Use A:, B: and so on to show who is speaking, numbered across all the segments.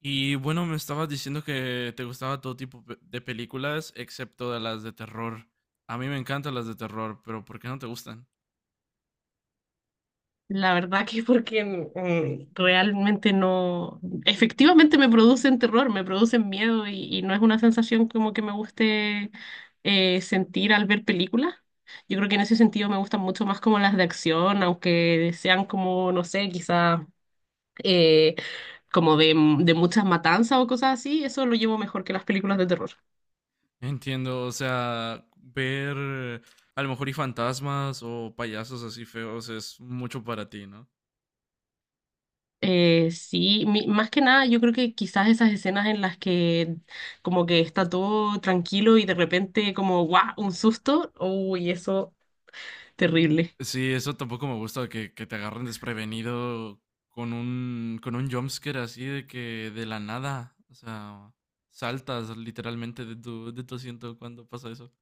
A: Y bueno, me estabas diciendo que te gustaba todo tipo de películas, excepto de las de terror. A mí me encantan las de terror, pero ¿por qué no te gustan?
B: La verdad que porque realmente no, efectivamente me producen terror, me producen miedo y no es una sensación como que me guste sentir al ver películas. Yo creo que en ese sentido me gustan mucho más como las de acción, aunque sean como, no sé, quizás como de muchas matanzas o cosas así, eso lo llevo mejor que las películas de terror.
A: Entiendo, o sea, ver a lo mejor y fantasmas o payasos así feos es mucho para ti, ¿no?
B: Sí, más que nada yo creo que quizás esas escenas en las que como que está todo tranquilo y de repente como guau, un susto, uy, eso terrible.
A: Sí, eso tampoco me gusta que te agarren desprevenido con un jumpscare así de que de la nada, o sea, saltas literalmente de tu asiento cuando pasa eso.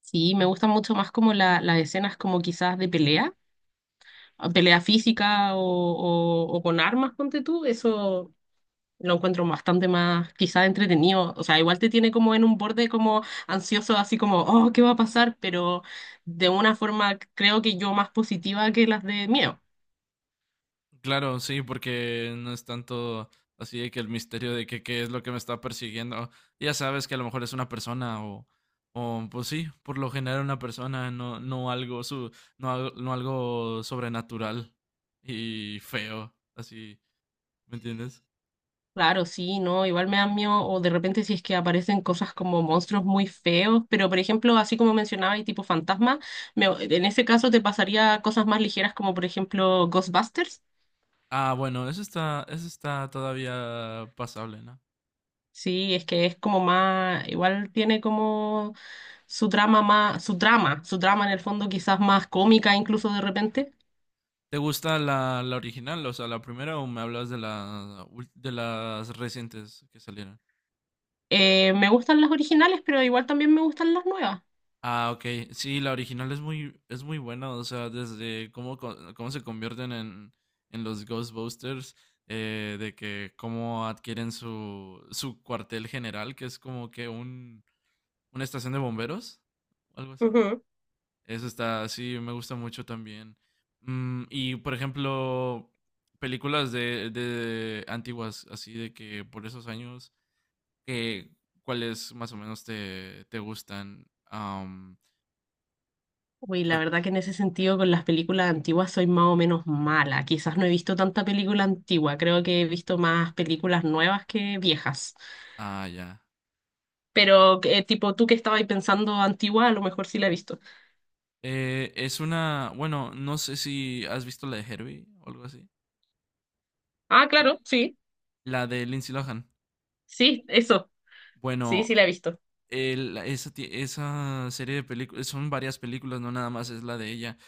B: Sí, me gustan mucho más como las escenas como quizás de pelea, pelea física o con armas, ponte tú, eso lo encuentro bastante más quizás entretenido. O sea, igual te tiene como en un borde como ansioso, así como, oh, ¿qué va a pasar? Pero de una forma creo que yo más positiva que las de miedo.
A: Claro, sí, porque no es tanto así de que el misterio de que qué es lo que me está persiguiendo. Ya sabes que a lo mejor es una persona o pues sí, por lo general una persona, no, no algo no, no algo sobrenatural y feo, así, ¿me entiendes?
B: Claro, sí, no, igual me dan miedo, o de repente si es que aparecen cosas como monstruos muy feos, pero por ejemplo, así como mencionaba, y tipo fantasma, en ese caso te pasaría cosas más ligeras como por ejemplo Ghostbusters,
A: Ah, bueno, eso está todavía pasable, ¿no?
B: sí, es que es como más, igual tiene como su trama más, su trama en el fondo quizás más cómica incluso de repente.
A: ¿Te gusta la original, o sea, la primera, o me hablas de la de las recientes que salieron?
B: Me gustan las originales, pero igual también me gustan las nuevas.
A: Ah, ok. Sí, la original es es muy buena. O sea, desde cómo se convierten en los Ghostbusters, de que cómo adquieren su cuartel general, que es como que un, una estación de bomberos, o algo así.
B: Ujú.
A: Eso está, sí, me gusta mucho también. Y, por ejemplo, películas de antiguas, así de que por esos años, que, ¿cuáles más o menos te gustan?
B: Uy, la verdad que en ese sentido con las películas antiguas soy más o menos mala. Quizás no he visto tanta película antigua, creo que he visto más películas nuevas que viejas.
A: Ah, ya.
B: Pero tipo tú que estabas ahí pensando antigua, a lo mejor sí la he visto.
A: Es una, bueno, no sé si has visto la de Herbie o algo así.
B: Ah,
A: con-
B: claro, sí,
A: la de Lindsay Lohan.
B: sí, eso, sí,
A: Bueno,
B: sí la he visto.
A: esa, esa serie de películas, son varias películas, no nada más es la de ella.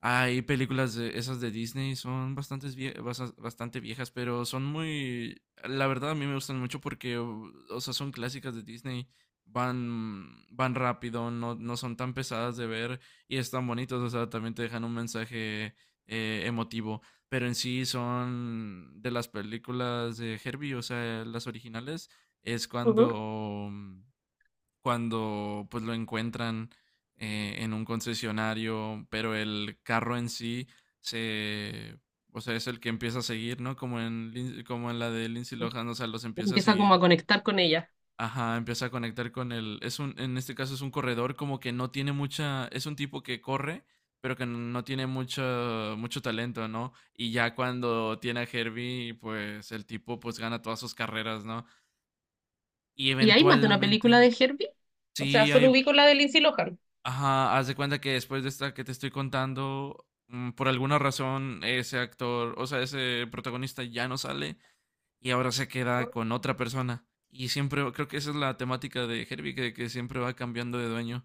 A: Hay películas de esas de Disney, son bastante viejas, pero son muy, la verdad a mí me gustan mucho porque, o sea, son clásicas de Disney, van rápido, no son tan pesadas de ver y están bonitas, o sea, también te dejan un mensaje emotivo, pero en sí son de las películas de Herbie, o sea, las originales, es
B: Ujú.
A: cuando pues lo encuentran en un concesionario, pero el carro en sí se, o sea, es el que empieza a seguir, ¿no? Como en, como en la de Lindsay Lohan, o sea, los empieza a
B: Empieza como a
A: seguir.
B: conectar con ella.
A: Ajá, empieza a conectar con el, es un, en este caso es un corredor como que no tiene mucha, es un tipo que corre, pero que no tiene mucho talento, ¿no? Y ya cuando tiene a Herbie, pues el tipo pues gana todas sus carreras, ¿no? Y
B: ¿Y hay más de una
A: eventualmente,
B: película de Herbie? O sea,
A: sí,
B: solo
A: hay,
B: ubico la de Lindsay Lohan.
A: ajá, haz de cuenta que después de esta que te estoy contando, por alguna razón ese actor, o sea, ese protagonista ya no sale y ahora se queda con otra persona. Y siempre, creo que esa es la temática de Herbie, que siempre va cambiando de dueño.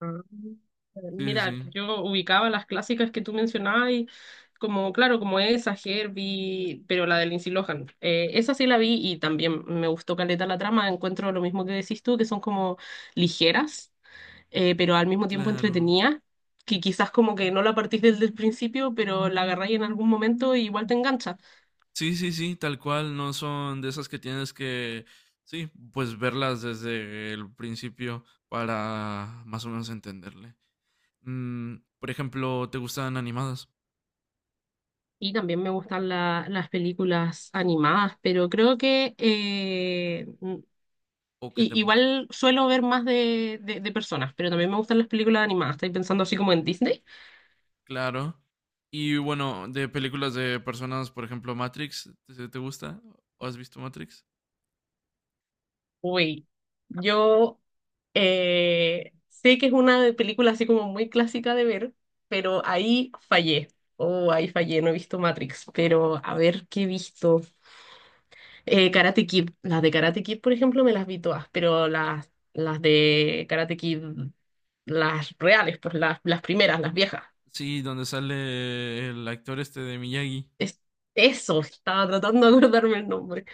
B: Ah,
A: Sí,
B: mira,
A: sí,
B: yo ubicaba las clásicas que tú mencionabas y como, claro, como esa, Herbie, pero la de Lindsay Lohan. Esa sí la vi y también me gustó caleta la trama. Encuentro lo mismo que decís tú, que son como ligeras, pero al mismo tiempo
A: claro.
B: entretenidas, que quizás como que no la partís desde el principio, pero la agarráis en algún momento y igual te engancha.
A: Sí, sí, sí, tal cual, no son de esas que tienes que, sí, pues verlas desde el principio para más o menos entenderle. Mm, por ejemplo, ¿te gustan animadas
B: Y también me gustan las películas animadas, pero creo que
A: o qué te
B: y
A: gustan?
B: igual suelo ver más de personas, pero también me gustan las películas animadas. Estoy pensando así como en Disney.
A: Claro. Y bueno, de películas de personas, por ejemplo, Matrix, ¿te, te gusta? ¿O has visto Matrix?
B: Uy, yo sé que es una película así como muy clásica de ver, pero ahí fallé. Oh, ahí fallé, no he visto Matrix, pero a ver qué he visto. Karate Kid, las de Karate Kid, por ejemplo, me las vi todas, pero las de Karate Kid, las reales, pues las primeras, las viejas.
A: Sí, donde sale el actor este de Miyagi.
B: Es, eso, estaba tratando de acordarme el nombre.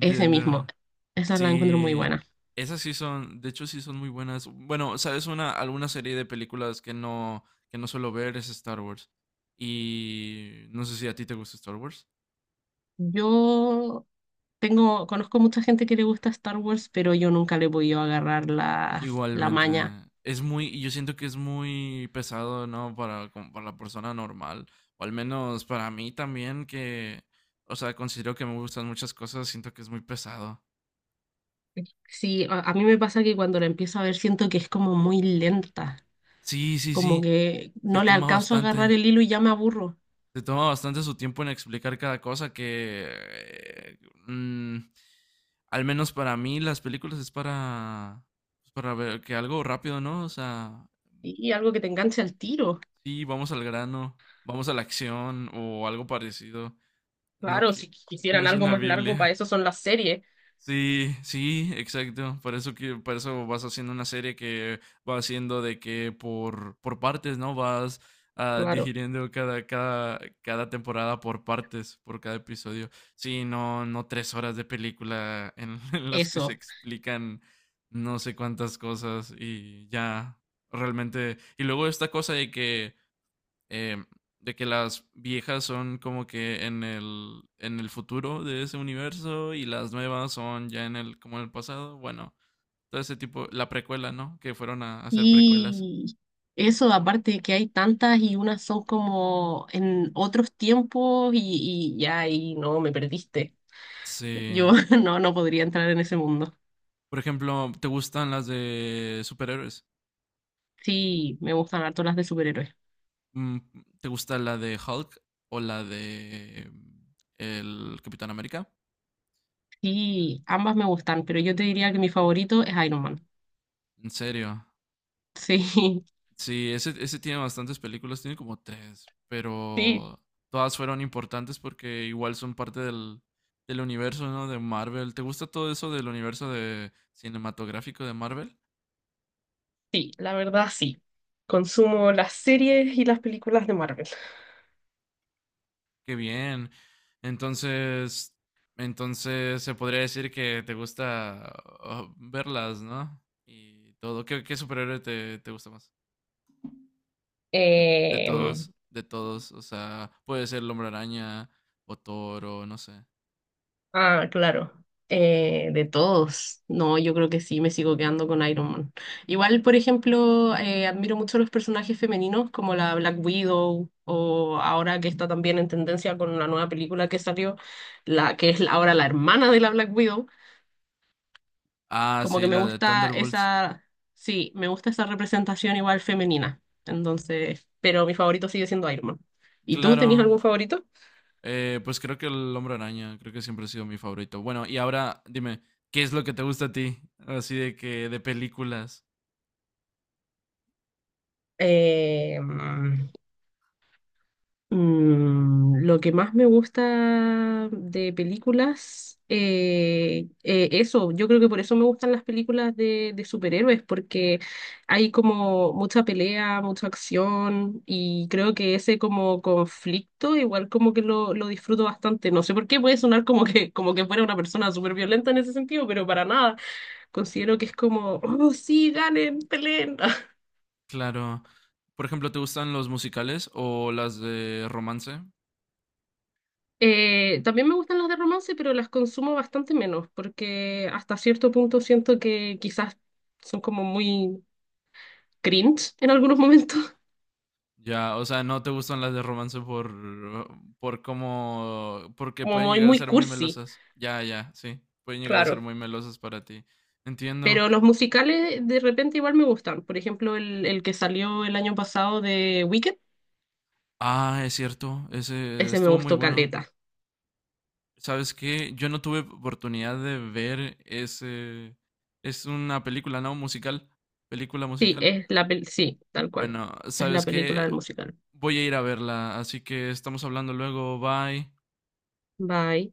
B: Ese mismo. Esa la encuentro muy
A: Sí,
B: buena.
A: esas sí son, de hecho sí son muy buenas. Bueno, sabes una alguna serie de películas que no suelo ver es Star Wars. Y no sé si a ti te gusta Star Wars.
B: Yo tengo, conozco mucha gente que le gusta Star Wars, pero yo nunca le he podido agarrar la
A: Igualmente.
B: maña.
A: Es muy, yo siento que es muy pesado, ¿no? Para, como para la persona normal. O al menos para mí también, que, o sea, considero que me gustan muchas cosas, siento que es muy pesado.
B: Sí, a mí me pasa que cuando la empiezo a ver siento que es como muy lenta,
A: Sí, sí,
B: como
A: sí.
B: que
A: Se
B: no le
A: toma
B: alcanzo a agarrar
A: bastante.
B: el hilo y ya me aburro.
A: Se toma bastante su tiempo en explicar cada cosa que... mm, al menos para mí las películas es para... pues, para ver que algo rápido, ¿no? O sea,
B: Y algo que te enganche al tiro.
A: sí, vamos al grano, vamos a la acción o algo parecido. No,
B: Claro,
A: que
B: si
A: no
B: quisieran
A: es
B: algo
A: una
B: más largo, para
A: Biblia.
B: eso son las series.
A: Sí, sí, exacto. Por eso que, por eso vas haciendo una serie que va haciendo de que por partes, ¿no? Vas
B: Claro,
A: digiriendo cada temporada por partes, por cada episodio. Sí, no, no tres horas de película en, en las que se
B: eso.
A: explican no sé cuántas cosas y ya realmente. Y luego esta cosa eh, de que las viejas son como que en en el futuro de ese universo y las nuevas son ya en el, como en el pasado. Bueno, todo ese tipo, la precuela, ¿no? Que fueron a hacer precuelas.
B: Y eso, aparte de que hay tantas y unas son como en otros tiempos y ya, y no, me perdiste. Yo
A: Sí.
B: no, no podría entrar en ese mundo.
A: Por ejemplo, ¿te gustan las de superhéroes?
B: Sí, me gustan harto las de superhéroes.
A: Mm, ¿te gusta la de Hulk o la de el Capitán América?
B: Sí, ambas me gustan, pero yo te diría que mi favorito es Iron Man.
A: ¿En serio?
B: Sí,
A: Sí, ese tiene bastantes películas, tiene como tres,
B: sí,
A: pero todas fueron importantes porque igual son parte del universo, ¿no? De Marvel. ¿Te gusta todo eso del universo de cinematográfico de Marvel?
B: sí, la verdad sí. Consumo las series y las películas de Marvel.
A: Qué bien. Entonces, entonces se podría decir que te gusta verlas, ¿no? Y todo. ¿Qué, qué superhéroe te gusta más? De
B: Eh,
A: todos, de todos. O sea, puede ser el Hombre Araña o Thor o no sé.
B: Ah, claro. De todos. No, yo creo que sí, me sigo quedando con Iron Man. Igual, por ejemplo, admiro mucho los personajes femeninos como la Black Widow o ahora que está también en tendencia con la nueva película que salió, la que es ahora la hermana de la Black Widow.
A: Ah,
B: Como que
A: sí,
B: me
A: la de
B: gusta
A: Thunderbolts.
B: esa, sí, me gusta esa representación igual femenina. Entonces, pero mi favorito sigue siendo Iron Man. ¿Y tú
A: Claro,
B: tenías algún favorito?
A: pues creo que el Hombre Araña, creo que siempre ha sido mi favorito. Bueno, y ahora dime, ¿qué es lo que te gusta a ti? Así de que de películas.
B: Eh, lo que más me gusta de películas, eso, yo creo que por eso me gustan las películas de superhéroes, porque hay como mucha pelea, mucha acción, y creo que ese como conflicto igual como que lo disfruto bastante. No sé por qué puede sonar como que fuera una persona súper violenta en ese sentido, pero para nada. Considero que es como, oh, sí, ganen, peleen.
A: Claro. Por ejemplo, ¿te gustan los musicales o las de romance?
B: También me gustan las de romance, pero las consumo bastante menos, porque hasta cierto punto siento que quizás son como muy cringe en algunos momentos,
A: Ya, o sea, no te gustan las de romance por cómo porque
B: como
A: pueden
B: muy,
A: llegar a
B: muy
A: ser muy
B: cursi,
A: melosas. Ya, ya, sí. Pueden llegar a ser
B: claro.
A: muy melosas para ti. Entiendo.
B: Pero los musicales de repente igual me gustan. Por ejemplo, el que salió el año pasado de Wicked,
A: Ah, es cierto. Ese
B: ese me
A: estuvo muy
B: gustó
A: bueno.
B: caleta.
A: ¿Sabes qué? Yo no tuve oportunidad de ver ese... Es una película, ¿no? Musical. Película
B: Sí,
A: musical.
B: es sí, tal cual.
A: Bueno,
B: Es la
A: ¿sabes
B: película del
A: qué?
B: musical.
A: Voy a ir a verla, así que estamos hablando luego. Bye.
B: Bye.